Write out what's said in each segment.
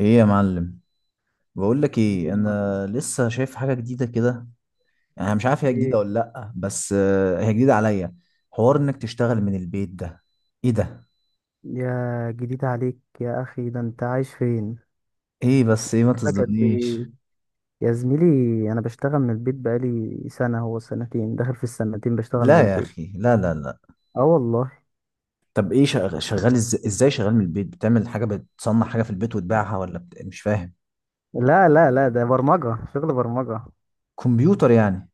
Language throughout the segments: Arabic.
ايه يا معلم؟ بقول لك ايه ايه، يا معلم. انا لسه شايف حاجه جديده كده. انا مش عارف هي جديده ايه، ولا لا، بس هي جديده عليا. حوار انك تشتغل من البيت ده. ايه ده؟ يا جديد عليك يا اخي، ده انت عايش فين؟ ايه بس؟ ايه ما بقالك قد تصدمنيش؟ ايه يا زميلي؟ انا بشتغل من البيت بقالي سنه، هو سنتين، داخل في السنتين بشتغل لا من يا البيت. اخي، لا لا لا. اه والله. طب ايه، شغال، ازاي شغال من البيت؟ بتعمل حاجه، بتصنع حاجه في البيت وتبيعها ولا مش فاهم. لا لا لا، ده برمجه، شغل برمجه. كمبيوتر يعني؟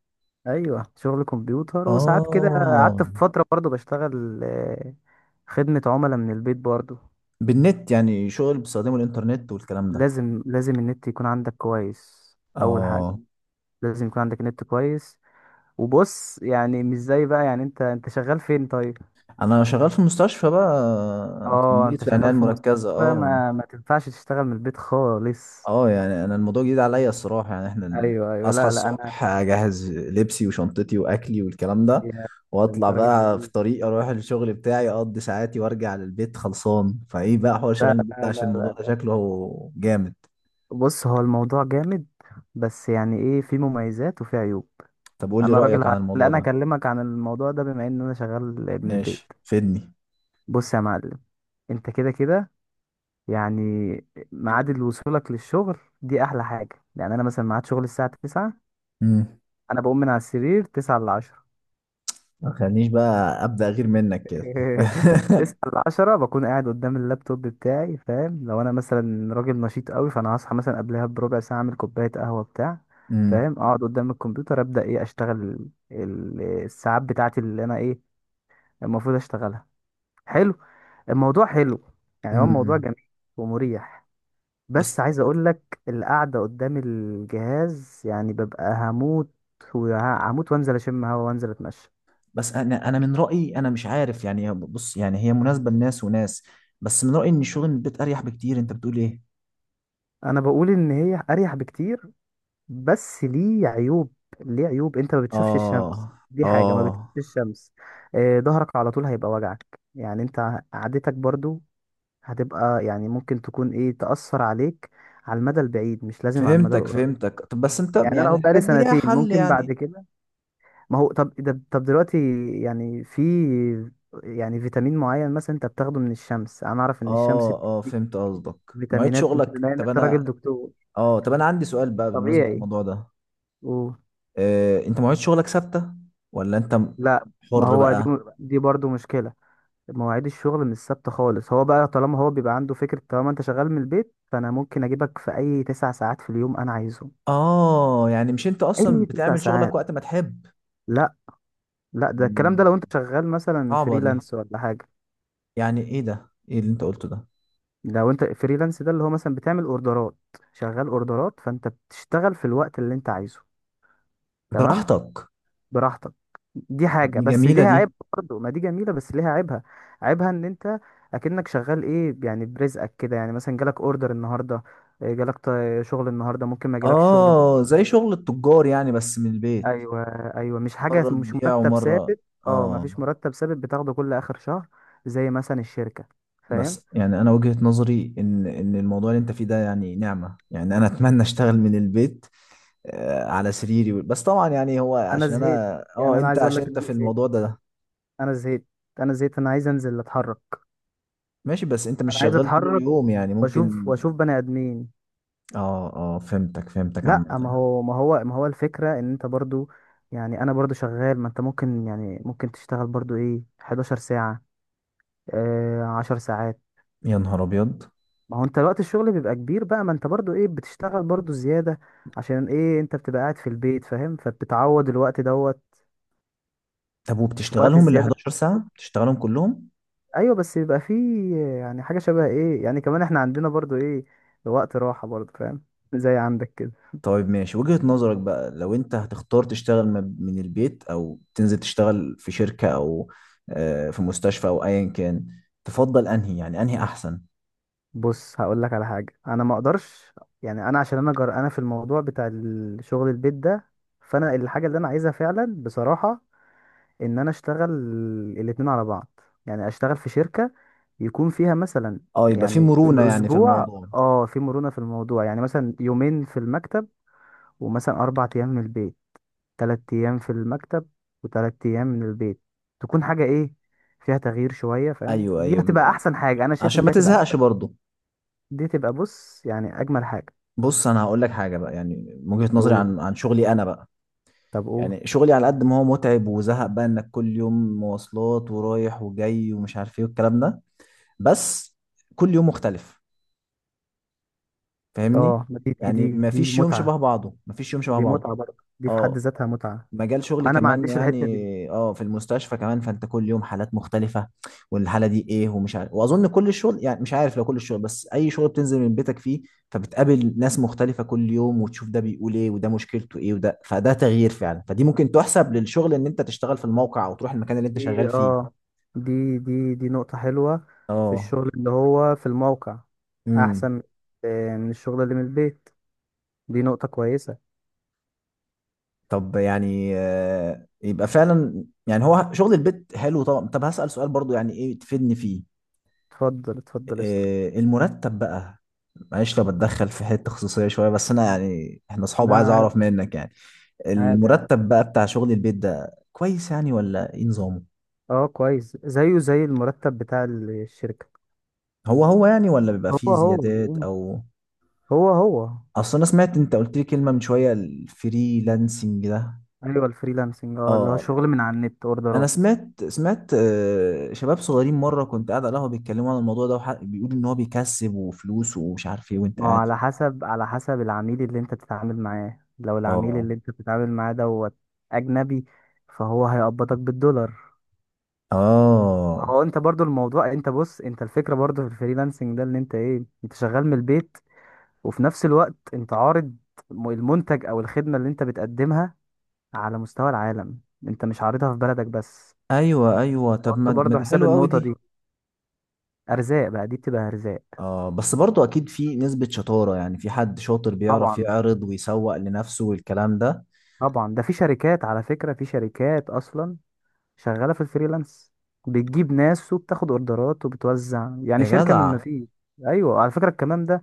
ايوه شغل كمبيوتر، وساعات كده اه. قعدت في فتره برضو بشتغل خدمه عملاء من البيت برضو. بالنت يعني، شغل بيستخدموا الانترنت والكلام ده. لازم لازم النت يكون عندك كويس، اول حاجه. اه. لازم يكون عندك نت كويس. وبص يعني مش زي بقى، يعني انت شغال فين طيب؟ انا شغال في المستشفى بقى، اه تمريض انت في العنايه شغال في مستشفى. المركزه. اه. ما تنفعش تشتغل من البيت خالص. اه، يعني انا الموضوع جديد عليا الصراحه. يعني احنا ايوه ايوه، اصحى لا لا، انا الصبح، اجهز لبسي وشنطتي واكلي والكلام ده، يا ده انت واطلع راجل بقى في قديم. طريق، اروح الشغل بتاعي، اقضي ساعاتي وارجع للبيت خلصان. فايه بقى حوار لا شغال البيت ده؟ لا عشان لا لا الموضوع ده لا. شكله جامد. بص، هو الموضوع جامد، بس يعني ايه، في مميزات وفي عيوب. طب قول لي انا راجل رايك عن لا، الموضوع انا ده. اكلمك عن الموضوع ده بما ان انا شغال من ماشي، البيت. فدني. بص يا معلم، انت كده كده، يعني ميعاد وصولك للشغل دي احلى حاجه، يعني انا مثلا ميعاد شغل الساعه 9، امم. انا بقوم من على السرير تسعة لعشرة. ما تخلينيش بقى ابدا غير منك كده. تسعة لعشرة بكون قاعد قدام اللابتوب بتاعي، فاهم؟ لو انا مثلا راجل نشيط قوي، فانا هصحى مثلا قبلها بربع ساعة، اعمل كوباية قهوة بتاع، امم. فاهم، اقعد قدام الكمبيوتر، ابدأ ايه، اشتغل الساعات بتاعتي اللي انا ايه المفروض اشتغلها. حلو، الموضوع حلو، يعني هو الموضوع امم. جميل ومريح. بس. بس عايز اقول لك، القعدة قدام الجهاز يعني ببقى هموت وهموت، وانزل اشم هوا وانزل اتمشى. بس انا من رايي، انا مش عارف يعني، بص يعني هي مناسبه لناس وناس. بس من رايي ان الشغل من البيت اريح بكتير. انت بتقول ايه؟ انا بقول ان هي اريح بكتير، بس ليه عيوب. ليه عيوب؟ انت ما بتشوفش الشمس، اه دي حاجه، ما بتشوفش اه، الشمس. ظهرك على طول هيبقى وجعك، يعني انت قعدتك برضو هتبقى، يعني ممكن تكون ايه تأثر عليك على المدى البعيد، مش لازم على المدى فهمتك القريب. فهمتك. طب بس انت يعني انا يعني اهو بقالي الحاجات دي ليها سنتين، حل ممكن بعد يعني؟ كده. ما هو طب ده، طب دلوقتي، يعني في، يعني فيتامين معين مثلا انت بتاخده من الشمس، انا اعرف ان الشمس اه اه، بتديك فهمت قصدك. مواعيد فيتامينات، انت شغلك، بما ان طب انت راجل انا. دكتور اه، طب انا عندي سؤال بقى بمناسبة طبيعي. الموضوع ده. قول. انت مواعيد شغلك ثابتة ولا انت لا، ما حر هو دي، بقى؟ دي برضو مشكلة. مواعيد الشغل مش ثابتة خالص، هو بقى طالما هو بيبقى عنده فكرة طالما انت شغال من البيت، فانا ممكن اجيبك في اي 9 ساعات في اليوم انا عايزهم. اه، يعني مش انت اصلا اي تسع بتعمل ساعات شغلك وقت ما تحب؟ لا. لا، ده الكلام ده لو مم. انت شغال مثلا صعبة دي. فريلانس ولا حاجة. يعني ايه ده؟ ايه اللي انت قلته ده؟ لو انت فريلانس، ده اللي هو مثلا بتعمل اوردرات، شغال اوردرات، فانت بتشتغل في الوقت اللي انت عايزه. تمام، براحتك. براحتك. دي دي حاجة بس جميلة ليها دي. عيب. برضه ما دي جميلة، بس ليها عيبها. عيبها ان انت اكنك شغال ايه، يعني برزقك كده، يعني مثلا جالك اوردر النهاردة، جالك شغل النهاردة، ممكن ما جالكش شغل اه، بكرة. زي شغل التجار يعني بس من البيت. ايوه ايوه، مش حاجة، مرة مش تبيع مرتب ومرة ثابت. اه، ما اه فيش مرتب ثابت بتاخده كل اخر شهر زي مثلا الشركة، فاهم؟ بس يعني انا وجهة نظري ان الموضوع اللي انت فيه ده يعني نعمة. يعني انا اتمنى اشتغل من البيت، على سريري بس. طبعا يعني هو انا عشان زهقت، انا يعني انا انت، عايز اقول عشان لك ان انت انا في زهقت، الموضوع ده ده. انا زهقت، انا زهقت، انا عايز انزل اتحرك، ماشي، بس انت مش انا عايز شغال طول اتحرك اليوم يعني، واشوف ممكن. واشوف بني ادمين. اه اه، فهمتك فهمتك عامة. لا، ما هو ما هو الفكرة ان انت برضو، يعني انا برضو شغال، ما انت ممكن، يعني ممكن تشتغل برضو ايه 11 ساعة، 10 ساعات. يا نهار ابيض. ما هو انت وقت الشغل بيبقى كبير بقى، ما انت برضو ايه بتشتغل برضو زيادة، عشان ايه، انت بتبقى قاعد في البيت فاهم، فبتعوض الوقت دوت طب في وقت وبتشتغلهم ال الزيادة. 11 ساعة بتشتغلهم كلهم؟ ايوه، بس بيبقى فيه يعني حاجة شبه ايه، يعني كمان احنا عندنا برضو ايه وقت راحة برضو، فاهم؟ زي عندك كده. طيب ماشي. وجهة نظرك بقى لو انت هتختار تشتغل من البيت او تنزل تشتغل في شركة او في مستشفى او ايا كان، تفضل انهي يعني، انهي احسن؟ بص هقول لك على حاجه، انا ما اقدرش، يعني انا عشان انا جرأنا في الموضوع بتاع الشغل البيت ده، فانا الحاجه اللي انا عايزها فعلا بصراحه، ان انا اشتغل الاتنين على بعض، يعني اشتغل في شركه يكون فيها مثلا، اه، يبقى في يعني في مرونة يعني في الاسبوع الموضوع. في مرونه في الموضوع، يعني مثلا يومين في المكتب ومثلا 4 ايام من البيت، 3 ايام في المكتب وتلات ايام من البيت، تكون حاجه ايه، فيها تغيير شويه، فاهم؟ ايوه دي هتبقى ايوه، احسن حاجه، انا شايف عشان ان دي ما هتبقى احسن، تزهقش برضو. دي تبقى بص يعني اجمل حاجه. بص انا هقول لك حاجة بقى، يعني من وجهة نظري قول، عن شغلي انا بقى. طب قول. يعني شغلي على قد ما هو متعب وزهق بقى انك كل يوم مواصلات ورايح وجاي ومش عارف ايه والكلام ده، بس كل يوم مختلف، فاهمني؟ اه، ما دي دي يعني دي ما دي فيش يوم متعة، شبه بعضه، ما فيش يوم شبه دي بعضه. متعة برضه، دي في حد اه. ذاتها متعة. مجال شغلي انا ما كمان عنديش يعني. الحتة دي. اه، في المستشفى كمان فانت كل يوم حالات مختلفة، والحالة دي ايه ومش عارف. واظن كل الشغل يعني، مش عارف، لو كل الشغل، بس اي شغل بتنزل من بيتك فيه، فبتقابل ناس مختلفة كل يوم، وتشوف ده بيقول ايه وده مشكلته ايه وده، فده تغيير فعلا. فدي ممكن تحسب للشغل ان انت تشتغل في الموقع او تروح المكان اللي انت دي شغال فيه. اه دي دي نقطة حلوة، في اه. الشغل اللي هو في الموقع امم. احسن من الشغل اللي من البيت. دي نقطة كويسة. طب يعني يبقى فعلا يعني هو شغل البيت حلو طبعا. طب هسأل سؤال برضو يعني ايه تفيدني فيه. اتفضل اتفضل اسأل. المرتب بقى. معلش لو بتدخل في حتة خصوصية شوية، بس انا يعني احنا اصحاب، لا عايز عادي، اعرف منك يعني. عادي يعني. المرتب بقى بتاع شغل البيت ده كويس يعني ولا ايه نظامه؟ اه كويس، زيه زي المرتب بتاع الشركة. هو هو يعني، ولا بيبقى هو فيه هو، زيادات او. هو هو. اصل انا سمعت انت قلت لي كلمة من شوية، الفريلانسنج ده. ايوه الفريلانسنج، اه اللي هو اه. شغل من على النت، انا اوردرات. سمعت شباب صغيرين مره كنت قاعد على القهوه بيتكلموا عن الموضوع ده، بيقولوا ان هو بيكسب وفلوس ومش عارف ايه وانت ما هو قاعد. على حسب، على حسب العميل اللي انت بتتعامل معاه، لو العميل اه اللي انت بتتعامل معاه دوت اجنبي، فهو هيقبضك بالدولار. اه. هو انت برضو الموضوع، انت بص، انت الفكرة برضو في الفريلانسنج ده اللي انت ايه، انت شغال من البيت وفي نفس الوقت انت عارض المنتج او الخدمة اللي انت بتقدمها على مستوى العالم، انت مش عارضها في بلدك بس. ايوه ايوه. طب حط ما برضو دي حساب حلوه قوي النقطة دي، دي. ارزاق بقى، دي بتبقى ارزاق. اه، بس برضو اكيد في نسبه شطاره، يعني في حد شاطر بيعرف طبعا. يعرض ويسوق لنفسه والكلام ده. طبعا ده في شركات على فكرة، في شركات اصلا شغالة في الفريلانس، بتجيب ناس وبتاخد اوردرات وبتوزع، يعني يا شركة من ما جدع. فيش. ايوه على فكرة الكلام ده.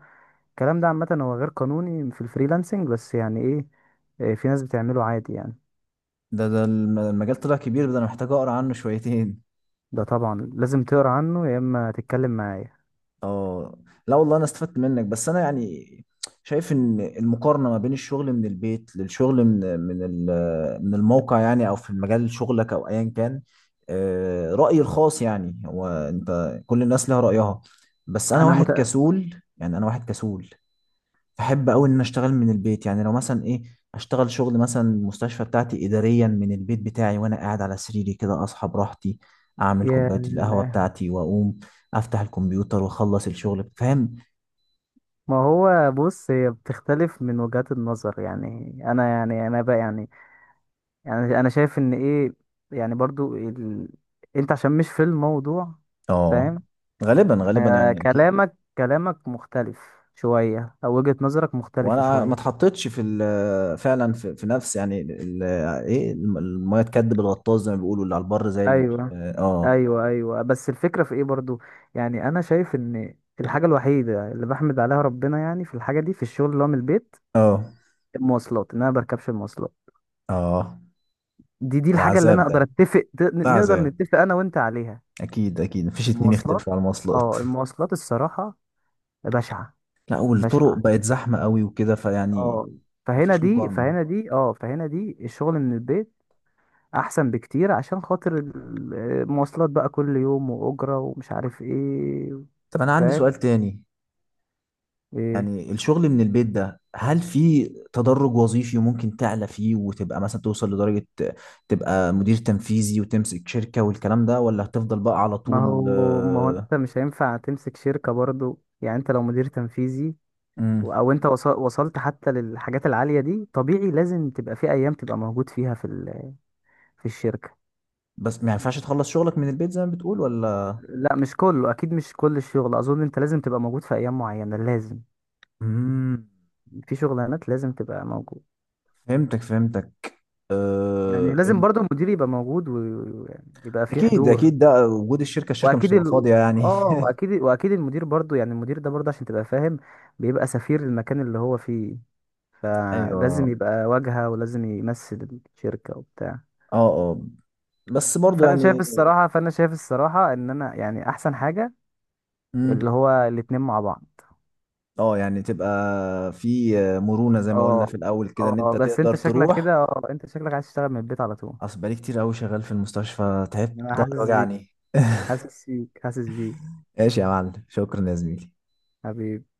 الكلام ده عامة هو غير قانوني في الفريلانسنج، بس يعني ايه، في ناس بتعمله عادي يعني. ده المجال طلع كبير ده، انا محتاج اقرا عنه شويتين. ده طبعا لازم تقرا عنه، يا اما تتكلم معايا. اه. لا والله، انا استفدت منك. بس انا يعني شايف ان المقارنه ما بين الشغل من البيت للشغل من الموقع يعني، او في مجال شغلك او ايا كان، رايي الخاص يعني. هو انت كل الناس لها رايها، بس انا انا واحد مت... كسول، يعني انا واحد كسول. بحب قوي ان أنا اشتغل من البيت. يعني لو مثلا ايه، اشتغل شغل مثلا المستشفى بتاعتي اداريا من البيت بتاعي، وانا قاعد على سريري كده اصحى براحتي، اعمل يا كوبايه القهوه بتاعتي واقوم افتح الكمبيوتر واخلص الشغل، فاهم؟ ما هو بص، هي بتختلف من وجهات النظر يعني. انا يعني انا بقى يعني انا شايف ان ايه، يعني برضو ال... انت عشان مش في الموضوع، اه. فاهم؟ غالبا غالبا يعني اكيد. كلامك كلامك مختلف شوية، أو وجهة نظرك مختلفة وانا ما شوية. اتحطيتش في فعلا، في نفس يعني ايه الميه تكدب الغطاس زي ما بيقولوا. اللي على البر زي اللي مش أيوة، أيوة أيوة. بس الفكرة في إيه برضو، يعني أنا شايف إن الحاجة الوحيدة اللي بحمد عليها ربنا يعني في الحاجة دي، في الشغل اللي هو من البيت، اه المواصلات، إن أنا بركبش المواصلات. آه. دي ده الحاجة اللي عذاب أنا ده. أقدر أتفق ده نقدر عذاب. نتفق أنا وأنت عليها. اكيد اكيد، مفيش اتنين المواصلات. يختلفوا على المواصلات. أه المواصلات الصراحة بشعة. لا، والطرق بشعة بقت زحمة قوي وكده، فيعني أه. مفيش مقارنة. فهنا دي الشغل من البيت احسن بكتير، عشان خاطر المواصلات بقى كل يوم واجره ومش عارف ايه. طب أنا عندي فاهم؟ سؤال تاني. ايه. يعني الشغل من البيت ده، هل في تدرج وظيفي ممكن تعلى فيه وتبقى مثلا توصل لدرجة تبقى مدير تنفيذي وتمسك شركة والكلام ده، ولا هتفضل بقى على ما طول هو ما هو انت مش هينفع تمسك شركه برضو، يعني انت لو مدير تنفيذي مم. او انت وصلت حتى للحاجات العاليه دي، طبيعي لازم تبقى في ايام تبقى موجود فيها في في الشركه. بس ما ينفعش تخلص شغلك من البيت زي ما بتقول ولا؟ لا مش كله، اكيد مش كل الشغل، اظن انت لازم تبقى موجود في ايام معينه، لازم. مم. في شغلانات لازم تبقى موجود، فهمتك فهمتك. آه، يعني لازم الم- برضو المدير يبقى موجود، ويعني يبقى في اكيد حضور. اكيد، ده وجود الشركه، الشركه مش واكيد تبقى ال... فاضيه يعني. اه واكيد واكيد المدير برضو، يعني المدير ده برضو عشان تبقى فاهم، بيبقى سفير المكان اللي هو فيه، فلازم ايوه. يبقى واجهة ولازم يمثل الشركة وبتاع. اه اه، بس برضو فانا شايف يعني. الصراحة فانا شايف الصراحة ان انا يعني احسن حاجة اللي امم. هو الاتنين مع بعض. اه، يعني تبقى في مرونة زي ما قلنا اه في الأول كده، إن اه، أنت بس تقدر تروح. انت شكلك عايز تشتغل من البيت على طول. أصل بقالي كتير أوي شغال في المستشفى، تعبت انا ضهري حاسس بيك، وجعني. حاسس بيك حاسس بيك. ماشي يا معلم، شكرا يا زميلي. حبيبي.